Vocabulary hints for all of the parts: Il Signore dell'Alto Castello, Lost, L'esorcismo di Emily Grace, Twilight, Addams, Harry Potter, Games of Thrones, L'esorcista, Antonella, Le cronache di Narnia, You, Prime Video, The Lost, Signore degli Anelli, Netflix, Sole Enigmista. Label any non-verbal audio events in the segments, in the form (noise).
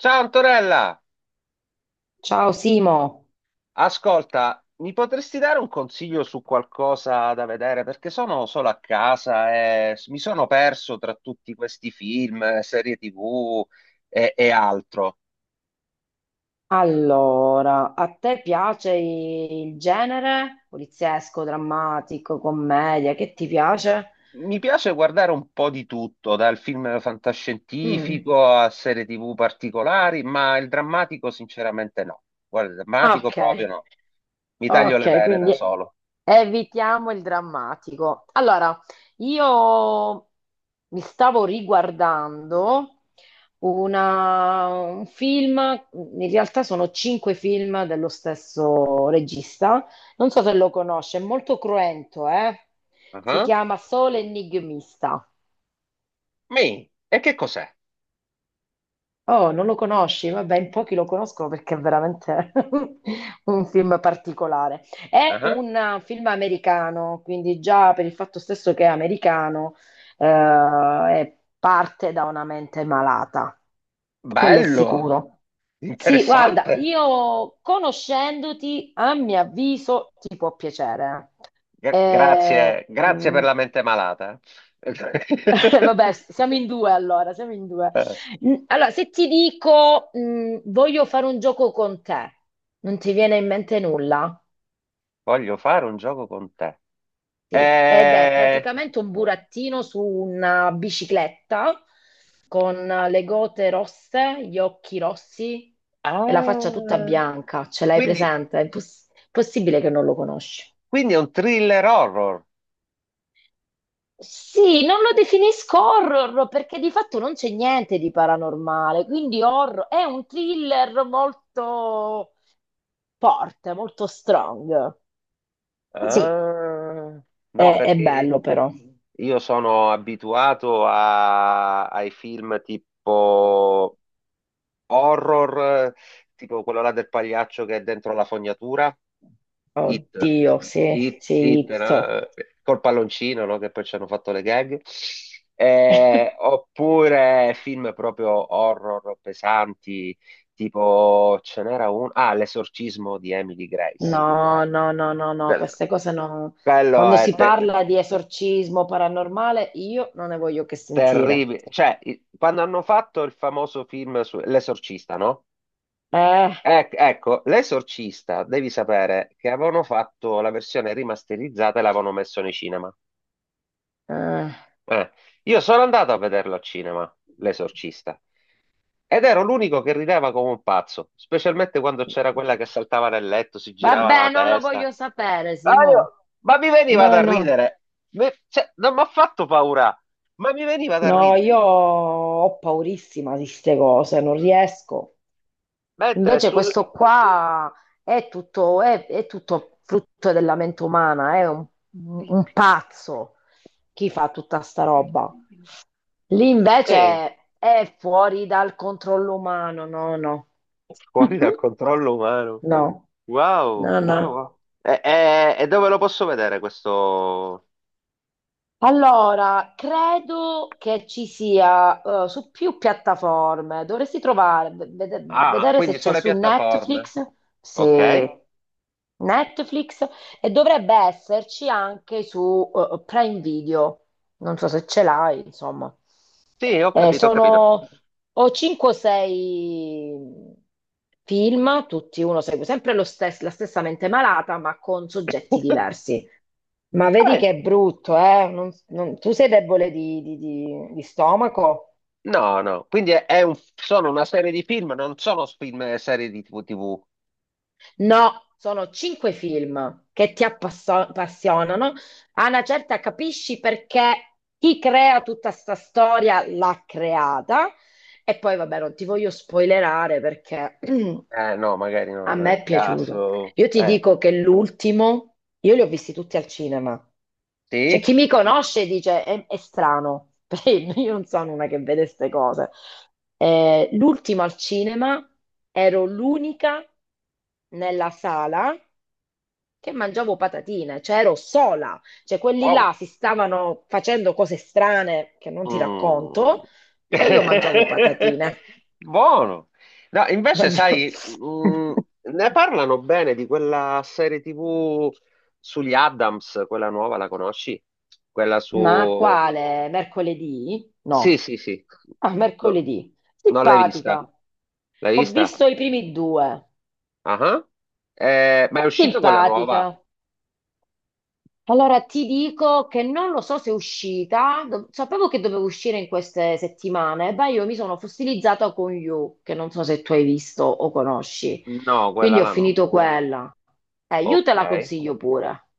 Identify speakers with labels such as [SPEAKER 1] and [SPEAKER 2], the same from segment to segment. [SPEAKER 1] Ciao Antonella,
[SPEAKER 2] Ciao Simo.
[SPEAKER 1] ascolta, mi potresti dare un consiglio su qualcosa da vedere? Perché sono solo a casa e mi sono perso tra tutti questi film, serie TV e altro.
[SPEAKER 2] Allora, a te piace il genere poliziesco, drammatico, commedia, che ti piace?
[SPEAKER 1] Mi piace guardare un po' di tutto, dal film
[SPEAKER 2] Mm.
[SPEAKER 1] fantascientifico a serie TV particolari, ma il drammatico sinceramente no. Guarda, il drammatico
[SPEAKER 2] Ok,
[SPEAKER 1] proprio no. Mi taglio le
[SPEAKER 2] ok,
[SPEAKER 1] vene da
[SPEAKER 2] quindi
[SPEAKER 1] solo.
[SPEAKER 2] evitiamo il drammatico. Allora, io mi stavo riguardando un film, in realtà sono cinque film dello stesso regista, non so se lo conosce, è molto cruento, eh? Si
[SPEAKER 1] Ah.
[SPEAKER 2] chiama Sole Enigmista.
[SPEAKER 1] E che cos'è?
[SPEAKER 2] Oh, non lo conosci? Vabbè, in pochi lo conoscono perché è veramente (laughs) un film particolare. È
[SPEAKER 1] Ah,
[SPEAKER 2] un film americano, quindi già per il fatto stesso che è americano, parte da una mente malata, quello è
[SPEAKER 1] bello,
[SPEAKER 2] sicuro. Sì, guarda,
[SPEAKER 1] interessante.
[SPEAKER 2] io conoscendoti, a mio avviso, ti può piacere.
[SPEAKER 1] Gra-
[SPEAKER 2] Eh,
[SPEAKER 1] grazie, grazie per
[SPEAKER 2] mm,
[SPEAKER 1] la mente malata.
[SPEAKER 2] (laughs) Vabbè,
[SPEAKER 1] (laughs)
[SPEAKER 2] siamo in due allora, siamo in due. Allora, se ti dico, voglio fare un gioco con te, non ti viene in mente nulla?
[SPEAKER 1] Voglio fare un gioco con te.
[SPEAKER 2] Sì. Ed è
[SPEAKER 1] Eh,
[SPEAKER 2] praticamente un burattino su una bicicletta con le gote rosse, gli occhi rossi e la faccia tutta
[SPEAKER 1] ah,
[SPEAKER 2] bianca. Ce l'hai
[SPEAKER 1] quindi,
[SPEAKER 2] presente? È possibile che non lo conosci.
[SPEAKER 1] quindi è un thriller horror.
[SPEAKER 2] Sì, non lo definisco horror perché di fatto non c'è niente di paranormale, quindi horror è un thriller molto forte, molto strong. Sì.
[SPEAKER 1] Ah, no,
[SPEAKER 2] È
[SPEAKER 1] perché
[SPEAKER 2] bello però.
[SPEAKER 1] io sono ai film tipo horror, tipo quello là del pagliaccio che è dentro la fognatura. Hit,
[SPEAKER 2] Oddio, sì,
[SPEAKER 1] Hit,
[SPEAKER 2] sì.
[SPEAKER 1] Hit,
[SPEAKER 2] It.
[SPEAKER 1] no? Col palloncino, no? Che poi ci hanno fatto le gag.
[SPEAKER 2] (laughs)
[SPEAKER 1] Oppure film proprio horror pesanti, tipo ce n'era uno, ah, L'esorcismo di Emily
[SPEAKER 2] No,
[SPEAKER 1] Grace.
[SPEAKER 2] no, no, no, no,
[SPEAKER 1] Quello,
[SPEAKER 2] queste cose no.
[SPEAKER 1] quello
[SPEAKER 2] Quando
[SPEAKER 1] è
[SPEAKER 2] si parla di esorcismo paranormale, io non ne voglio che sentire.
[SPEAKER 1] terribile. Cioè, quando hanno fatto il famoso film su L'esorcista, no?
[SPEAKER 2] Eh,
[SPEAKER 1] Ecco, L'esorcista, devi sapere che avevano fatto la versione rimasterizzata e l'avevano messo nei cinema.
[SPEAKER 2] eh.
[SPEAKER 1] Eh, io sono andato a vederlo al cinema, L'Esorcista, ed ero l'unico che rideva come un pazzo, specialmente quando c'era quella che saltava nel letto, si girava
[SPEAKER 2] Vabbè,
[SPEAKER 1] la
[SPEAKER 2] non lo
[SPEAKER 1] testa.
[SPEAKER 2] voglio sapere,
[SPEAKER 1] Ma,
[SPEAKER 2] Simo.
[SPEAKER 1] ma mi veniva
[SPEAKER 2] No,
[SPEAKER 1] da
[SPEAKER 2] no.
[SPEAKER 1] ridere. Cioè, non mi ha fatto paura, ma mi veniva da
[SPEAKER 2] No,
[SPEAKER 1] ridere.
[SPEAKER 2] io ho paurissima di queste cose, non riesco.
[SPEAKER 1] Mentre
[SPEAKER 2] Invece
[SPEAKER 1] sul...
[SPEAKER 2] questo qua è tutto, è tutto frutto della mente umana, è un pazzo chi fa tutta sta roba. Lì invece
[SPEAKER 1] eh,
[SPEAKER 2] è fuori dal controllo umano, no, no.
[SPEAKER 1] fuori
[SPEAKER 2] (laughs)
[SPEAKER 1] dal controllo umano.
[SPEAKER 2] No,
[SPEAKER 1] Wow,
[SPEAKER 2] no,
[SPEAKER 1] wow,
[SPEAKER 2] no.
[SPEAKER 1] wow. E dove lo posso vedere questo?
[SPEAKER 2] Allora, credo che ci sia su più piattaforme. Dovresti trovare,
[SPEAKER 1] Ah,
[SPEAKER 2] vedere se
[SPEAKER 1] quindi
[SPEAKER 2] c'è
[SPEAKER 1] sulle
[SPEAKER 2] su
[SPEAKER 1] piattaforme.
[SPEAKER 2] Netflix,
[SPEAKER 1] Ok.
[SPEAKER 2] se Netflix, e dovrebbe esserci anche su Prime Video. Non so se ce l'hai, insomma.
[SPEAKER 1] Sì, ho capito, ho capito.
[SPEAKER 2] Sono o 5 o 6 film, tutti uno segue sempre la stessa mente malata, ma con soggetti
[SPEAKER 1] (laughs)
[SPEAKER 2] diversi. Ma vedi che
[SPEAKER 1] Bene.
[SPEAKER 2] è brutto, eh? Tu sei debole di stomaco?
[SPEAKER 1] No, no, quindi è un- sono una serie di film, non sono film e serie di TV.
[SPEAKER 2] No, sono cinque film che ti appassionano. A una certa capisci perché chi crea tutta sta storia l'ha creata. E poi, vabbè, non ti voglio spoilerare perché (clears throat)
[SPEAKER 1] No, magari
[SPEAKER 2] A
[SPEAKER 1] no, nel
[SPEAKER 2] me è piaciuto.
[SPEAKER 1] caso.
[SPEAKER 2] Io ti dico che l'ultimo, io li ho visti tutti al cinema. Cioè,
[SPEAKER 1] Sì?
[SPEAKER 2] chi mi conosce dice è strano, (laughs) perché io non sono una che vede queste cose. L'ultimo al cinema ero l'unica nella sala che mangiavo patatine, cioè ero sola. Cioè, quelli là
[SPEAKER 1] Wow.
[SPEAKER 2] si stavano facendo cose strane che non ti
[SPEAKER 1] Mm.
[SPEAKER 2] racconto e io mangiavo
[SPEAKER 1] (laughs)
[SPEAKER 2] patatine.
[SPEAKER 1] Buono. No, invece,
[SPEAKER 2] Mangiavo.
[SPEAKER 1] sai,
[SPEAKER 2] (laughs)
[SPEAKER 1] ne parlano bene di quella serie TV sugli Addams, quella nuova, la conosci? Quella
[SPEAKER 2] Ma
[SPEAKER 1] su...
[SPEAKER 2] quale? Mercoledì?
[SPEAKER 1] Sì,
[SPEAKER 2] No.
[SPEAKER 1] sì, sì.
[SPEAKER 2] Ah,
[SPEAKER 1] No,
[SPEAKER 2] mercoledì.
[SPEAKER 1] non l'hai vista.
[SPEAKER 2] Simpatica.
[SPEAKER 1] L'hai
[SPEAKER 2] Ho
[SPEAKER 1] vista?
[SPEAKER 2] visto i primi due.
[SPEAKER 1] Ah. Ma è uscita quella
[SPEAKER 2] Simpatica.
[SPEAKER 1] nuova?
[SPEAKER 2] Allora ti dico che non lo so se è uscita, sapevo che dovevo uscire in queste settimane. Beh, io mi sono fossilizzata con You, che non so se tu hai visto o conosci,
[SPEAKER 1] No, quella
[SPEAKER 2] quindi ho
[SPEAKER 1] là no.
[SPEAKER 2] finito quella. You te
[SPEAKER 1] Ok.
[SPEAKER 2] la consiglio pure.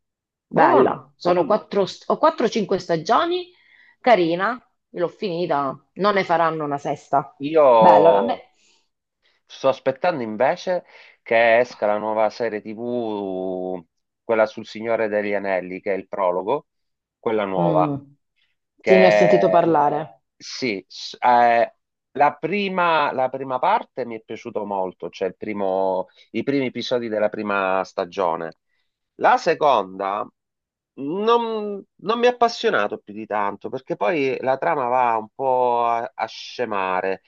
[SPEAKER 1] Buono.
[SPEAKER 2] Bella, sono quattro, ho 4-5 stagioni, carina, l'ho finita, non ne faranno una sesta.
[SPEAKER 1] Io
[SPEAKER 2] Bella, a me.
[SPEAKER 1] sto aspettando invece che esca la nuova serie TV, quella sul Signore degli Anelli, che è il prologo, quella nuova.
[SPEAKER 2] Mm, sì, ne ho sentito
[SPEAKER 1] Che
[SPEAKER 2] parlare.
[SPEAKER 1] sì, la prima parte mi è piaciuto molto, cioè il i primi episodi della prima stagione. La seconda non, non mi ha appassionato più di tanto, perché poi la trama va un po' a, a scemare.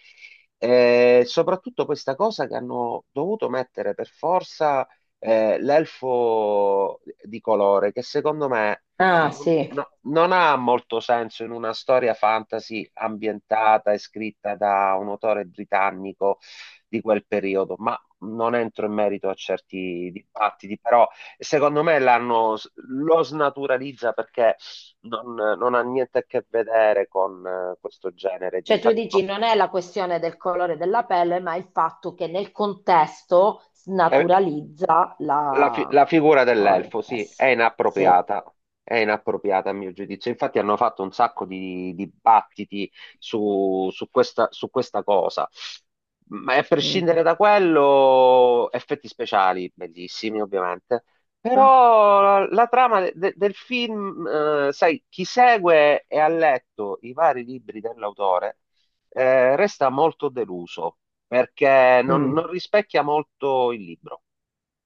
[SPEAKER 1] E soprattutto questa cosa che hanno dovuto mettere per forza l'elfo di colore, che secondo me
[SPEAKER 2] Ah, sì.
[SPEAKER 1] non ha molto senso in una storia fantasy ambientata e scritta da un autore britannico di quel periodo, ma non entro in merito a certi dibattiti, però secondo me lo snaturalizza perché non, non ha niente a che vedere con questo genere.
[SPEAKER 2] Cioè tu
[SPEAKER 1] Infatti,
[SPEAKER 2] dici non è la questione del colore della pelle, ma il fatto che nel contesto
[SPEAKER 1] no.
[SPEAKER 2] snaturalizza
[SPEAKER 1] La,
[SPEAKER 2] la
[SPEAKER 1] la
[SPEAKER 2] la
[SPEAKER 1] figura
[SPEAKER 2] storia.
[SPEAKER 1] dell'elfo, sì,
[SPEAKER 2] Sì. Sì.
[SPEAKER 1] è inappropriata a mio giudizio. Infatti hanno fatto un sacco di dibattiti su, su questa cosa. Ma a
[SPEAKER 2] Mm.
[SPEAKER 1] prescindere da quello, effetti speciali, bellissimi ovviamente, però la, la trama del film, sai, chi segue e ha letto i vari libri dell'autore, resta molto deluso perché non,
[SPEAKER 2] Mm.
[SPEAKER 1] non rispecchia molto il libro,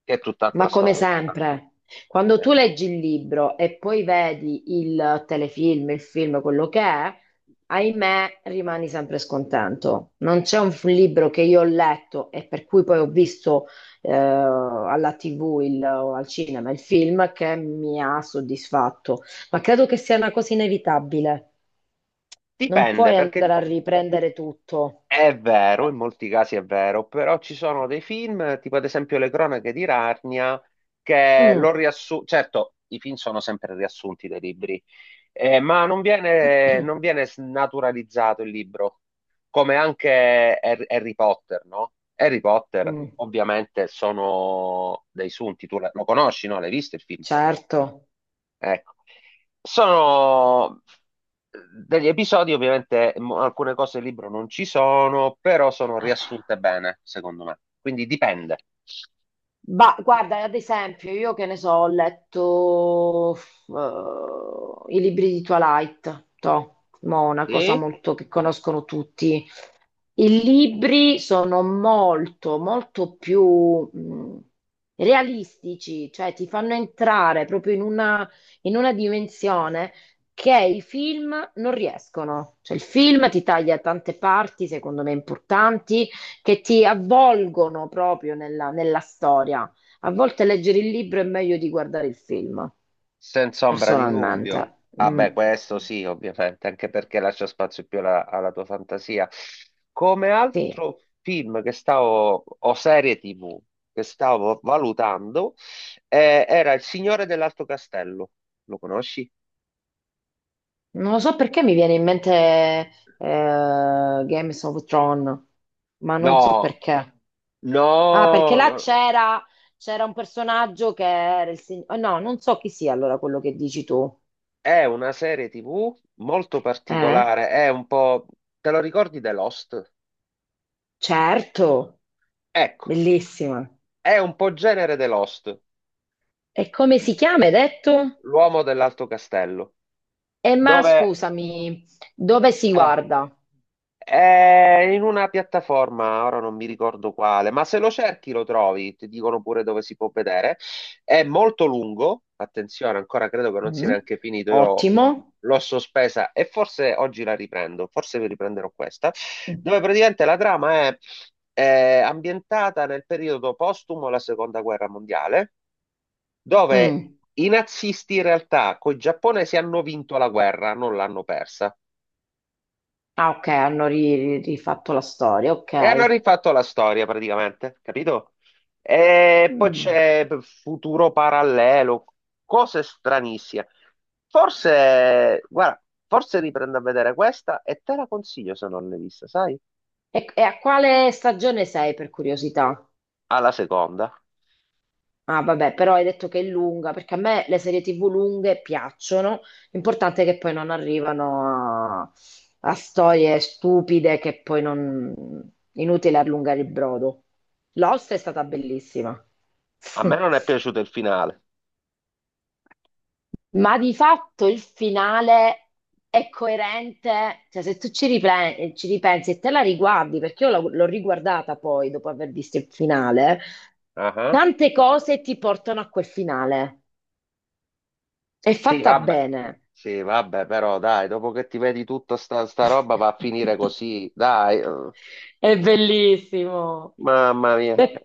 [SPEAKER 1] che è tutt'altra
[SPEAKER 2] Ma come
[SPEAKER 1] storia.
[SPEAKER 2] sempre, quando tu
[SPEAKER 1] Eh,
[SPEAKER 2] leggi il libro e poi vedi il telefilm, il film, quello che è, ahimè, rimani sempre scontento. Non c'è un libro che io ho letto e per cui poi ho visto alla TV o al cinema il film che mi ha soddisfatto. Ma credo che sia una cosa inevitabile. Non
[SPEAKER 1] Dipende,
[SPEAKER 2] puoi andare
[SPEAKER 1] perché
[SPEAKER 2] a riprendere tutto.
[SPEAKER 1] è vero, in molti casi è vero, però ci sono dei film, tipo ad esempio Le cronache di Narnia, che lo
[SPEAKER 2] Mm.
[SPEAKER 1] riassunto. Certo, i film sono sempre riassunti dai libri, ma non viene, non
[SPEAKER 2] (clears throat)
[SPEAKER 1] viene snaturalizzato il libro, come anche Harry Potter, no? Harry Potter,
[SPEAKER 2] Mm,
[SPEAKER 1] ovviamente, sono dei sunti, tu lo conosci, no? L'hai visto il film?
[SPEAKER 2] certo.
[SPEAKER 1] Ecco, sono eh, degli episodi, ovviamente alcune cose del libro non ci sono, però sono
[SPEAKER 2] Eh.
[SPEAKER 1] riassunte bene, secondo me. Quindi dipende.
[SPEAKER 2] Guarda, ad esempio, io che ne so, ho letto i libri di Twilight, una cosa
[SPEAKER 1] Sì?
[SPEAKER 2] molto che conoscono tutti. I libri sono molto, molto più realistici, cioè ti fanno entrare proprio in una, dimensione che i film non riescono. Cioè, il film ti taglia tante parti, secondo me importanti, che ti avvolgono proprio nella storia. A volte leggere il libro è meglio di guardare il film,
[SPEAKER 1] Senza ombra di dubbio.
[SPEAKER 2] personalmente.
[SPEAKER 1] Ah
[SPEAKER 2] Mm,
[SPEAKER 1] beh, questo sì, ovviamente, anche perché lascia spazio più alla, alla tua fantasia. Come
[SPEAKER 2] sì.
[SPEAKER 1] altro film o serie TV che stavo valutando, era Il Signore dell'Alto Castello. Lo conosci?
[SPEAKER 2] Non lo so perché mi viene in mente Games of Thrones, ma non so
[SPEAKER 1] No,
[SPEAKER 2] perché. Ah, perché
[SPEAKER 1] no,
[SPEAKER 2] là
[SPEAKER 1] no,
[SPEAKER 2] c'era un personaggio che era il signore. No, non so chi sia allora quello che dici tu.
[SPEAKER 1] è una serie TV molto
[SPEAKER 2] Eh?
[SPEAKER 1] particolare, è un po'... Te lo ricordi The Lost?
[SPEAKER 2] Certo,
[SPEAKER 1] Ecco,
[SPEAKER 2] bellissima.
[SPEAKER 1] è un po' genere The Lost,
[SPEAKER 2] E come si chiama, hai detto?
[SPEAKER 1] l'uomo dell'Alto Castello,
[SPEAKER 2] E ma
[SPEAKER 1] dove...
[SPEAKER 2] scusami, dove si
[SPEAKER 1] eh,
[SPEAKER 2] guarda?
[SPEAKER 1] è in una piattaforma, ora non mi ricordo quale, ma se lo cerchi lo trovi, ti dicono pure dove si può vedere. È molto lungo, attenzione, ancora credo che non sia
[SPEAKER 2] Mm,
[SPEAKER 1] neanche finito,
[SPEAKER 2] ottimo.
[SPEAKER 1] l'ho sospesa e forse oggi la riprendo, forse vi riprenderò questa, dove praticamente è ambientata nel periodo postumo alla Seconda Guerra Mondiale, dove
[SPEAKER 2] Mm.
[SPEAKER 1] i nazisti in realtà con i giapponesi hanno vinto la guerra, non l'hanno persa.
[SPEAKER 2] Ah, ok, hanno rifatto la storia,
[SPEAKER 1] E hanno
[SPEAKER 2] ok.
[SPEAKER 1] rifatto la storia praticamente, capito? E poi
[SPEAKER 2] Mm.
[SPEAKER 1] c'è futuro parallelo, cose stranissime. Forse, guarda, forse riprendo a vedere questa e te la consiglio se non l'hai vista, sai?
[SPEAKER 2] E a quale stagione sei per curiosità?
[SPEAKER 1] Alla seconda.
[SPEAKER 2] Ah, vabbè, però hai detto che è lunga, perché a me le serie TV lunghe piacciono. L'importante è che poi non arrivano a storie stupide che poi non. Inutile allungare il brodo. Lost è stata bellissima.
[SPEAKER 1] A me
[SPEAKER 2] (laughs)
[SPEAKER 1] non è piaciuto il finale.
[SPEAKER 2] Ma di fatto il finale è coerente, cioè se tu ci ripensi e te la riguardi, perché io l'ho riguardata poi dopo aver visto il finale,
[SPEAKER 1] Ah,
[SPEAKER 2] tante cose ti portano a quel finale. È
[SPEAKER 1] sì,
[SPEAKER 2] fatta
[SPEAKER 1] vabbè.
[SPEAKER 2] bene.
[SPEAKER 1] Sì, vabbè, però dai, dopo che ti vedi tutta sta roba va a finire
[SPEAKER 2] (laughs)
[SPEAKER 1] così, dai. Eh.
[SPEAKER 2] È bellissimo.
[SPEAKER 1] Mamma mia.
[SPEAKER 2] Beh,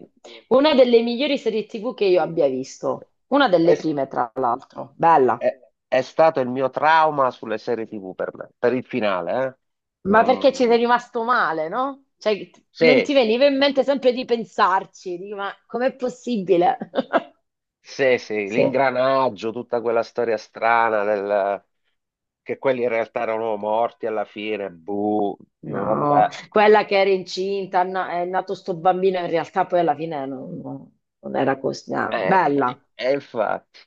[SPEAKER 2] una delle migliori serie TV che io abbia visto, una delle
[SPEAKER 1] E-
[SPEAKER 2] prime tra l'altro, bella.
[SPEAKER 1] È, è stato il mio trauma sulle serie TV per me, per il finale, eh.
[SPEAKER 2] Ma perché ci sei
[SPEAKER 1] Non-
[SPEAKER 2] rimasto male, no? Cioè, non ti
[SPEAKER 1] Sì,
[SPEAKER 2] veniva in mente sempre di pensarci, dico, ma com'è possibile? (laughs)
[SPEAKER 1] sì, sì,
[SPEAKER 2] Sì,
[SPEAKER 1] l'ingranaggio, tutta quella storia strana del... che quelli in realtà erano morti alla fine, buh, dico, vabbè,
[SPEAKER 2] no, quella che era incinta, no, è nato sto bambino, in realtà poi alla fine non era così, ah,
[SPEAKER 1] eh,
[SPEAKER 2] bella,
[SPEAKER 1] infatti.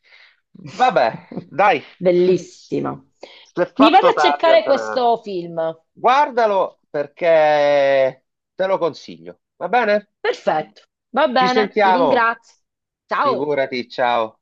[SPEAKER 1] Vabbè,
[SPEAKER 2] (laughs)
[SPEAKER 1] dai,
[SPEAKER 2] bellissima.
[SPEAKER 1] si è
[SPEAKER 2] Mi vado
[SPEAKER 1] fatto
[SPEAKER 2] a
[SPEAKER 1] tardi,
[SPEAKER 2] cercare
[SPEAKER 1] Antonella.
[SPEAKER 2] questo film.
[SPEAKER 1] Guardalo perché te lo consiglio, va bene?
[SPEAKER 2] Perfetto, va
[SPEAKER 1] Ci
[SPEAKER 2] bene, ti
[SPEAKER 1] sentiamo.
[SPEAKER 2] ringrazio. Ciao.
[SPEAKER 1] Figurati, ciao.